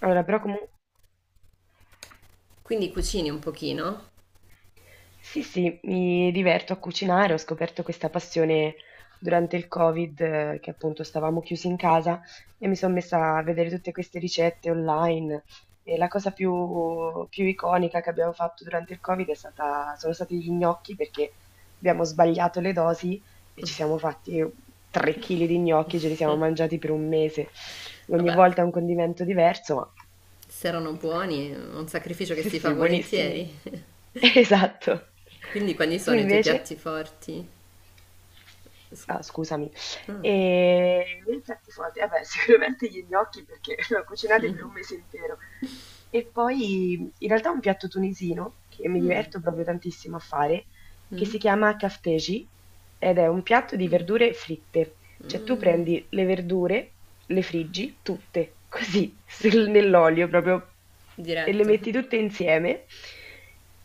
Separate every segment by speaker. Speaker 1: Allora, però comunque
Speaker 2: Quindi cucini un pochino?
Speaker 1: sì, sì, mi diverto a cucinare, ho scoperto questa passione durante il Covid, che appunto stavamo chiusi in casa e mi sono messa a vedere tutte queste ricette online. E la cosa più iconica che abbiamo fatto durante il Covid è stata, sono stati gli gnocchi perché abbiamo sbagliato le dosi e ci siamo fatti 3 kg di gnocchi, ce li siamo mangiati per un mese. Ogni
Speaker 2: Vabbè,
Speaker 1: volta un condimento diverso, ma
Speaker 2: se erano buoni, è un sacrificio che
Speaker 1: sì,
Speaker 2: si fa
Speaker 1: sì, buonissimi.
Speaker 2: volentieri.
Speaker 1: Esatto.
Speaker 2: Quindi quali
Speaker 1: Tu
Speaker 2: sono i tuoi
Speaker 1: invece?
Speaker 2: piatti forti? S-
Speaker 1: Ah, scusami.
Speaker 2: ah,
Speaker 1: E nei piatti forti, vabbè, sicuramente gli gnocchi perché l'ho cucinati per un mese intero. E poi in realtà un piatto tunisino che mi diverto proprio tantissimo a fare, che
Speaker 2: mm?
Speaker 1: si chiama kafteji ed è un piatto di verdure fritte. Cioè tu prendi le verdure, le friggi tutte, così, nell'olio proprio, e le
Speaker 2: Diretto.
Speaker 1: metti tutte insieme.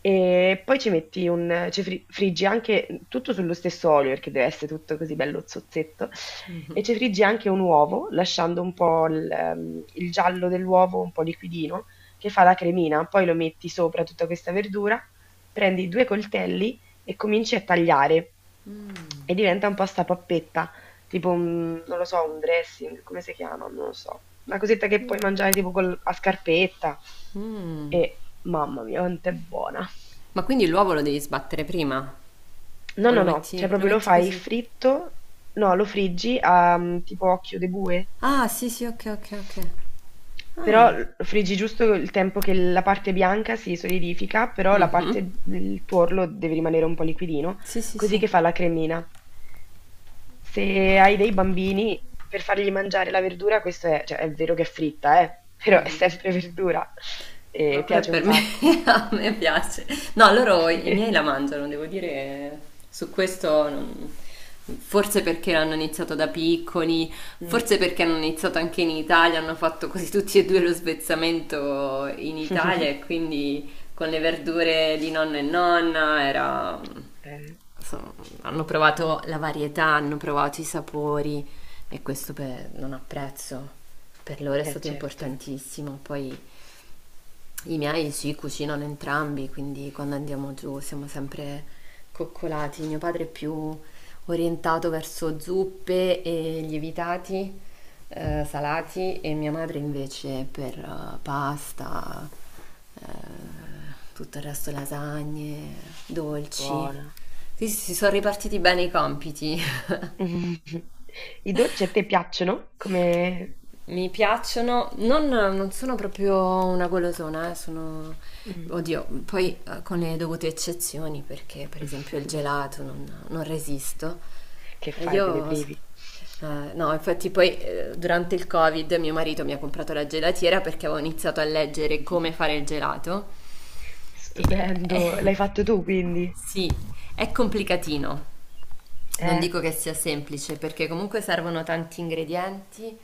Speaker 1: E poi ci metti un, ci fri- friggi anche tutto sullo stesso olio, perché deve essere tutto così bello zozzetto. E ci friggi anche un uovo, lasciando un po' il giallo dell'uovo un po' liquidino, che fa la cremina. Poi lo metti sopra tutta questa verdura, prendi due coltelli e cominci a tagliare. E diventa un po' sta pappetta. Tipo un, non lo so, un dressing, come si chiama? Non lo so. Una cosetta che puoi mangiare tipo a scarpetta.
Speaker 2: Mm.
Speaker 1: E mamma mia, quanto è buona.
Speaker 2: Ma quindi l'uovo lo devi sbattere prima?
Speaker 1: No,
Speaker 2: O
Speaker 1: no, no, cioè
Speaker 2: lo
Speaker 1: proprio lo
Speaker 2: metti
Speaker 1: fai
Speaker 2: così?
Speaker 1: fritto, no, lo friggi a mm, tipo occhio di bue,
Speaker 2: Ah, sì, sì, ok, ok, ok.
Speaker 1: però
Speaker 2: Ah,
Speaker 1: lo friggi giusto il tempo che la parte bianca si solidifica, però la
Speaker 2: mhm.
Speaker 1: parte, il tuorlo deve rimanere un po' liquidino,
Speaker 2: Sì, sì,
Speaker 1: così
Speaker 2: sì.
Speaker 1: che fa la cremina. Se hai dei bambini, per fargli mangiare la verdura, questo è, cioè, è vero che è fritta, però è
Speaker 2: Mm.
Speaker 1: sempre verdura
Speaker 2: No,
Speaker 1: e
Speaker 2: quello è
Speaker 1: piace un
Speaker 2: per me,
Speaker 1: sacco.
Speaker 2: a me piace. No, loro, i miei la mangiano, devo dire, su questo non- forse perché l'hanno iniziato da piccoli,
Speaker 1: Mm.
Speaker 2: forse perché hanno iniziato anche in Italia, hanno fatto così tutti e due lo svezzamento in Italia e quindi con le verdure di nonno e nonna era...
Speaker 1: Eh,
Speaker 2: insomma, hanno provato la varietà, hanno provato i sapori e questo per- non ha prezzo. Per loro è stato
Speaker 1: certo.
Speaker 2: importantissimo, poi... I miei si cucinano entrambi, quindi quando andiamo giù siamo sempre coccolati. Mio padre è più orientato verso zuppe e lievitati, salati,
Speaker 1: Mm,
Speaker 2: e mia madre invece per pasta, eh, tutto il resto lasagne, dolci.
Speaker 1: buona.
Speaker 2: Sì, sì, si sono ripartiti bene i compiti.
Speaker 1: I dolci a te piacciono? Come...
Speaker 2: Mi piacciono, non sono proprio una golosona, sono...
Speaker 1: Mm.
Speaker 2: Oddio, poi con le dovute eccezioni, perché per esempio il gelato non resisto.
Speaker 1: Che
Speaker 2: E
Speaker 1: fai, te ne
Speaker 2: io...
Speaker 1: privi?
Speaker 2: no, infatti poi durante il Covid mio marito mi ha comprato la gelatiera perché avevo iniziato a leggere come fare il gelato. E...
Speaker 1: Stupendo, l'hai fatto tu quindi?
Speaker 2: sì, è complicatino. Non
Speaker 1: Eh.
Speaker 2: dico che sia semplice perché comunque servono tanti ingredienti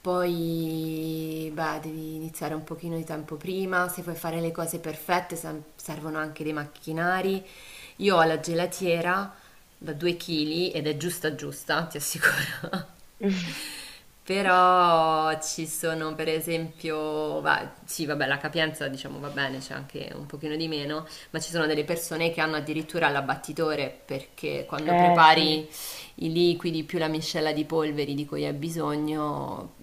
Speaker 2: poi, beh, devi iniziare un pochino di tempo prima, se vuoi fare le cose perfette sem- servono anche dei macchinari. Io ho la gelatiera da 2 kg ed è giusta giusta, ti assicuro. Però ci sono per esempio, va- sì vabbè la capienza diciamo va bene, c'è anche un pochino di meno, ma ci sono delle persone che hanno addirittura l'abbattitore perché quando
Speaker 1: Eh sì.
Speaker 2: prepari i liquidi più la miscela di polveri di cui hai bisogno,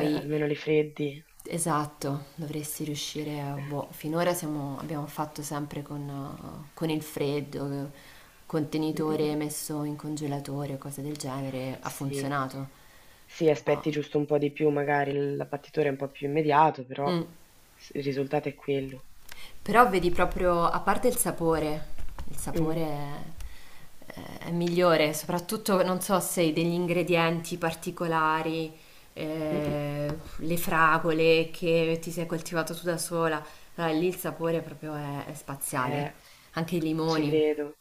Speaker 1: Almeno li freddi.
Speaker 2: esatto, dovresti riuscire a...
Speaker 1: Eh.
Speaker 2: Boh, finora siamo- abbiamo fatto sempre con il freddo,
Speaker 1: Mh-mh-mh.
Speaker 2: contenitore messo in congelatore o cose del genere, ha
Speaker 1: Sì.
Speaker 2: funzionato,
Speaker 1: Sì,
Speaker 2: però...
Speaker 1: aspetti giusto un po' di più, magari il l'abbattitore è un po' più immediato, però
Speaker 2: Mm.
Speaker 1: s il risultato è quello.
Speaker 2: Però vedi proprio, a parte il
Speaker 1: Mh.
Speaker 2: sapore è, è migliore, soprattutto non so se degli ingredienti particolari,
Speaker 1: Mh-mh.
Speaker 2: eh, le fragole che ti sei coltivato tu da sola, allora, lì il sapore proprio è
Speaker 1: Eh,
Speaker 2: spaziale. Anche i
Speaker 1: ci
Speaker 2: limoni,
Speaker 1: credo.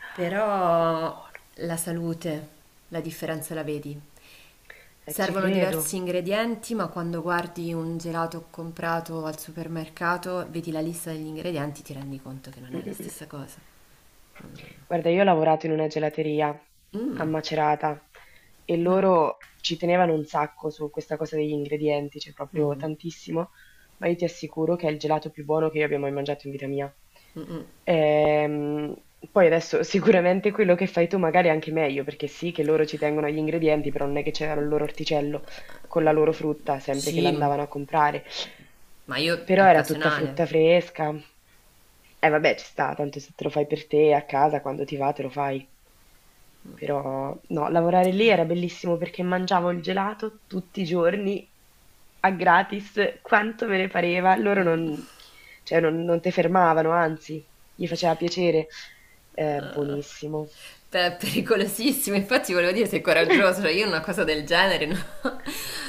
Speaker 1: Ah, che
Speaker 2: però
Speaker 1: buono.
Speaker 2: la salute, la differenza la vedi.
Speaker 1: Ci
Speaker 2: Servono diversi
Speaker 1: credo.
Speaker 2: ingredienti, ma quando guardi un gelato comprato al supermercato, vedi la lista degli ingredienti, ti rendi conto che non è la
Speaker 1: Mh-mh-mh.
Speaker 2: stessa cosa.
Speaker 1: Guarda, io ho lavorato in una gelateria a
Speaker 2: Mm.
Speaker 1: Macerata e
Speaker 2: Ah.
Speaker 1: loro ci tenevano un sacco su questa cosa degli ingredienti, cioè proprio
Speaker 2: Mhm.
Speaker 1: tantissimo, ma io ti assicuro che è il gelato più buono che io abbia mai mangiato in vita mia. Ehm, Poi adesso sicuramente quello che fai tu magari è anche meglio, perché sì che loro ci tengono agli ingredienti, però non è che c'era il loro orticello con la loro frutta, sempre che
Speaker 2: Sì,
Speaker 1: l'andavano a comprare.
Speaker 2: ma io è
Speaker 1: Però era tutta frutta
Speaker 2: occasionale.
Speaker 1: fresca. Eh vabbè, ci sta, tanto se te lo fai per te a casa, quando ti va, te lo fai. Però no, lavorare lì era bellissimo perché mangiavo il gelato tutti i giorni a gratis, quanto me ne pareva. Loro non, cioè, non te fermavano, anzi, gli faceva piacere. Buonissimo.
Speaker 2: Te è pericolosissimo, infatti volevo dire sei coraggioso, cioè io una cosa del genere, no?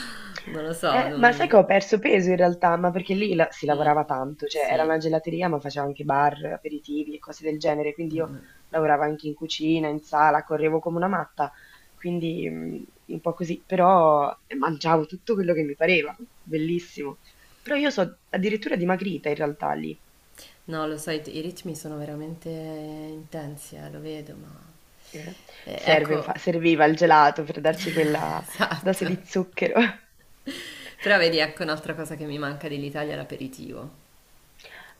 Speaker 2: Non lo so,
Speaker 1: Ma sai che
Speaker 2: non...
Speaker 1: ho perso peso in realtà, ma perché lì la si
Speaker 2: mm,
Speaker 1: lavorava tanto, cioè era
Speaker 2: sì.
Speaker 1: una gelateria ma faceva anche bar, aperitivi e cose del genere, quindi io lavoravo anche in cucina, in sala, correvo come una matta, quindi un po' così, però mangiavo tutto quello che mi pareva, bellissimo. Però io so addirittura dimagrita in realtà lì,
Speaker 2: No, lo sai, i ritmi sono veramente intensi, lo vedo, ma...
Speaker 1: eh,
Speaker 2: ecco,
Speaker 1: serviva il gelato per darci quella dose
Speaker 2: esatto.
Speaker 1: di zucchero.
Speaker 2: Però vedi, ecco un'altra cosa che mi manca dell'Italia, è l'aperitivo.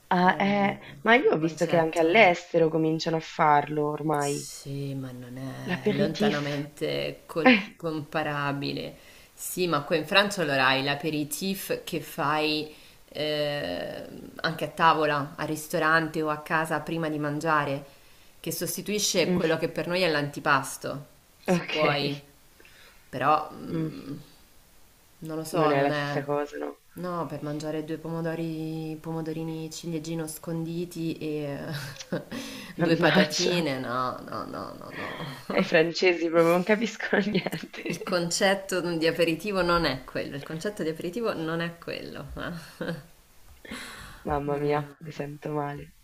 Speaker 1: Ah,
Speaker 2: Eh,
Speaker 1: ma io
Speaker 2: il
Speaker 1: ho visto che anche
Speaker 2: concetto.
Speaker 1: all'estero cominciano a farlo ormai.
Speaker 2: Sì, ma non è
Speaker 1: L'aperitif.
Speaker 2: lontanamente col- comparabile. Sì, ma qua in Francia allora hai l'aperitif che fai eh, anche a tavola, al ristorante o a casa prima di mangiare, che sostituisce quello
Speaker 1: Mm,
Speaker 2: che per noi è l'antipasto, se
Speaker 1: ok.
Speaker 2: vuoi. Però,
Speaker 1: Mm,
Speaker 2: mm, non lo
Speaker 1: non
Speaker 2: so,
Speaker 1: è
Speaker 2: non
Speaker 1: la stessa
Speaker 2: è...
Speaker 1: cosa, no?
Speaker 2: No, per mangiare due pomodori, pomodorini ciliegino sconditi e due
Speaker 1: Mannaggia.
Speaker 2: patatine, no, no, no, no, no.
Speaker 1: Ai francesi proprio non capiscono
Speaker 2: Il
Speaker 1: niente.
Speaker 2: concetto di aperitivo non è quello, il concetto di aperitivo non è quello, eh.
Speaker 1: Mamma
Speaker 2: Non
Speaker 1: mia, mi
Speaker 2: è...
Speaker 1: sento male.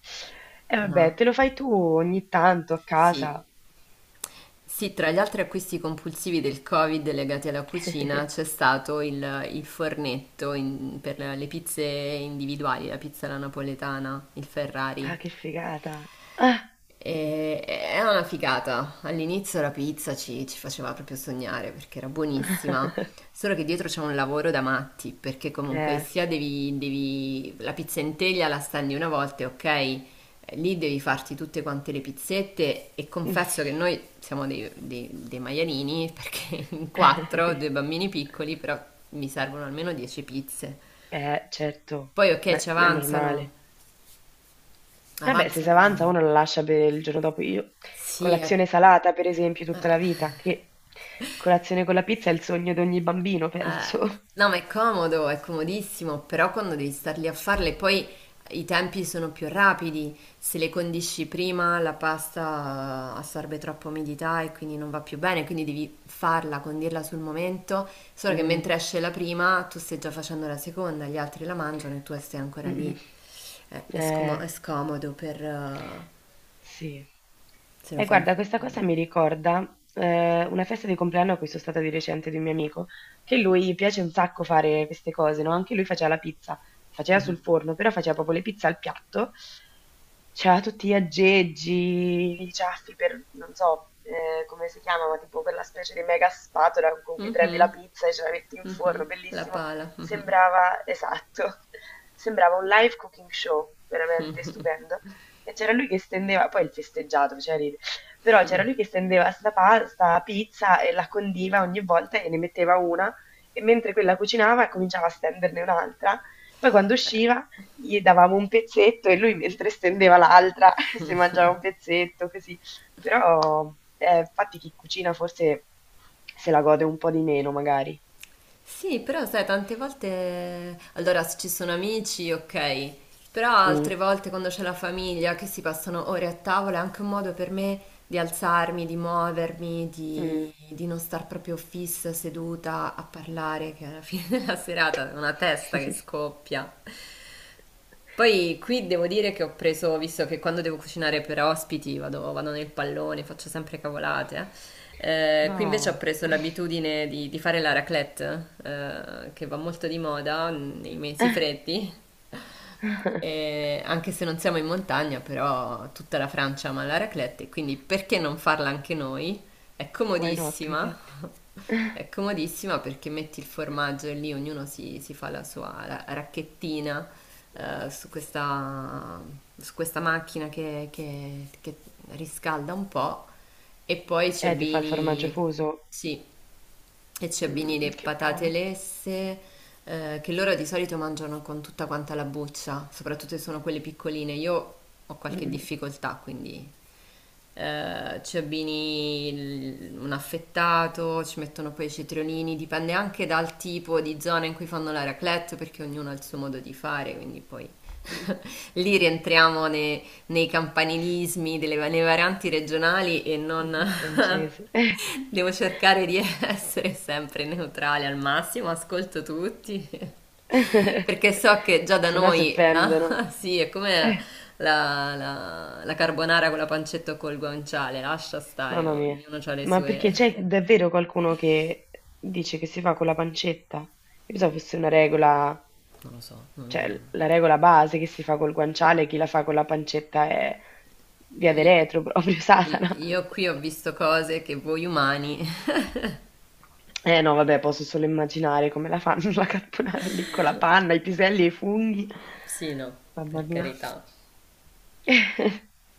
Speaker 1: E vabbè,
Speaker 2: No.
Speaker 1: te lo fai tu ogni tanto a
Speaker 2: Sì.
Speaker 1: casa.
Speaker 2: Sì, tra gli altri acquisti compulsivi del Covid legati alla cucina c'è stato il fornetto in- per le pizze individuali, la pizza alla napoletana, il Ferrari.
Speaker 1: Ah, che figata. Ah.
Speaker 2: E era una figata. All'inizio la pizza ci faceva proprio sognare perché era buonissima. Solo che dietro c'è un lavoro da matti, perché comunque
Speaker 1: Eh.
Speaker 2: sia devi, devi- la pizza in teglia la stendi una volta, e ok? Eh, lì devi farti tutte quante le pizzette e confesso che noi siamo dei, dei- dei maialini perché in quattro, due bambini piccoli, però mi servono almeno 10 pizze.
Speaker 1: Certo,
Speaker 2: Poi ok,
Speaker 1: ma
Speaker 2: ci
Speaker 1: è
Speaker 2: avanzano,
Speaker 1: normale. Vabbè, se si
Speaker 2: avanzano.
Speaker 1: avanza uno la lascia per il giorno dopo. Io
Speaker 2: Sì,
Speaker 1: colazione
Speaker 2: è-
Speaker 1: salata, per esempio, tutta la vita,
Speaker 2: eh.
Speaker 1: che colazione con la pizza è il sogno di ogni bambino,
Speaker 2: Eh,
Speaker 1: penso.
Speaker 2: no, ma è comodo, è comodissimo, però quando devi star lì a farle, poi i tempi sono più rapidi. Se le condisci prima, la pasta assorbe troppa umidità e quindi non va più bene, quindi devi farla, condirla sul momento. Solo che
Speaker 1: Mm.
Speaker 2: mentre esce la prima, tu stai già facendo la seconda, gli altri la mangiano e tu stai ancora
Speaker 1: Mm.
Speaker 2: lì. È, scomo-
Speaker 1: Eh.
Speaker 2: è scomodo per,
Speaker 1: Sì.
Speaker 2: se lo
Speaker 1: E
Speaker 2: fai in
Speaker 1: guarda, questa cosa
Speaker 2: famiglia.
Speaker 1: mi ricorda una festa di compleanno a cui sono stata di recente di un mio amico, che lui piace un sacco fare queste cose, no? Anche lui faceva la pizza, faceva sul forno, però faceva proprio le pizze al piatto, c'aveva tutti gli aggeggi, i ciaffi per, non so come si chiama, ma tipo quella specie di mega spatola con cui prendi la
Speaker 2: Mhm,
Speaker 1: pizza e ce la metti in forno,
Speaker 2: la
Speaker 1: bellissimo.
Speaker 2: pala.
Speaker 1: Sembrava, esatto, sembrava un live cooking show, veramente stupendo. E c'era lui che stendeva, poi il festeggiato faceva ridere, però c'era lui che stendeva sta pasta, pizza e la condiva ogni volta e ne metteva una e mentre quella cucinava cominciava a stenderne un'altra. Poi quando usciva gli davamo un pezzetto e lui mentre stendeva l'altra si mangiava un pezzetto, così. Però infatti chi cucina forse se la gode un po' di meno magari.
Speaker 2: Sì, però sai, tante volte, allora se ci sono amici, ok, però
Speaker 1: Mm,
Speaker 2: altre volte quando c'è la famiglia che si passano ore a tavola è anche un modo per me di alzarmi, di muovermi,
Speaker 1: mm.
Speaker 2: di non star proprio fissa, seduta a parlare, che alla fine della serata è una testa che scoppia. Poi qui devo dire che ho preso, visto che quando devo cucinare per ospiti vado, vado nel pallone, faccio sempre cavolate. Qui invece ho
Speaker 1: No.
Speaker 2: preso l'abitudine di fare la raclette, che va molto di moda nei mesi freddi, e anche se non siamo in montagna, però tutta la Francia ama la raclette, quindi perché non farla anche noi? È
Speaker 1: Why not,
Speaker 2: comodissima,
Speaker 1: infatti.
Speaker 2: è comodissima perché metti il formaggio e lì ognuno si fa la sua ra- racchettina eh, su questa, su questa macchina che che riscalda un po' e poi ci
Speaker 1: Ti fa il formaggio
Speaker 2: abbini,
Speaker 1: fuso?
Speaker 2: sì, e ci abbini
Speaker 1: Mm,
Speaker 2: le
Speaker 1: che
Speaker 2: patate
Speaker 1: buono.
Speaker 2: lesse, che loro di solito mangiano con tutta quanta la buccia, soprattutto se sono quelle piccoline. Io ho qualche
Speaker 1: Mm,
Speaker 2: difficoltà, quindi ci abbini il- un affettato, ci mettono poi i cetriolini, dipende anche dal tipo di zona in cui fanno la raclette, perché ognuno ha il suo modo di fare, quindi poi
Speaker 1: mm,
Speaker 2: lì rientriamo ne- nei campanilismi, delle, va- nei varianti regionali e non
Speaker 1: mm, francese.
Speaker 2: devo cercare di essere sempre neutrale al massimo, ascolto tutti, perché so che già da
Speaker 1: Se no si
Speaker 2: noi,
Speaker 1: offendono.
Speaker 2: ah, sì, è come
Speaker 1: Eh,
Speaker 2: la la carbonara con la pancetta o col guanciale, lascia stare,
Speaker 1: mamma mia.
Speaker 2: ognuno ha le
Speaker 1: Ma perché c'è
Speaker 2: sue...
Speaker 1: davvero qualcuno che dice che si fa con la pancetta? Io pensavo fosse una regola,
Speaker 2: Non lo so.
Speaker 1: cioè
Speaker 2: Non-
Speaker 1: la regola base che si fa col guanciale, chi la fa con la pancetta è via de
Speaker 2: i-
Speaker 1: retro, proprio Satana.
Speaker 2: io qui ho visto cose che voi umani...
Speaker 1: Eh no, vabbè, posso solo immaginare come la fanno la carbonara lì con la panna, i piselli e i funghi.
Speaker 2: Sì, no,
Speaker 1: Mamma
Speaker 2: per
Speaker 1: mia.
Speaker 2: carità.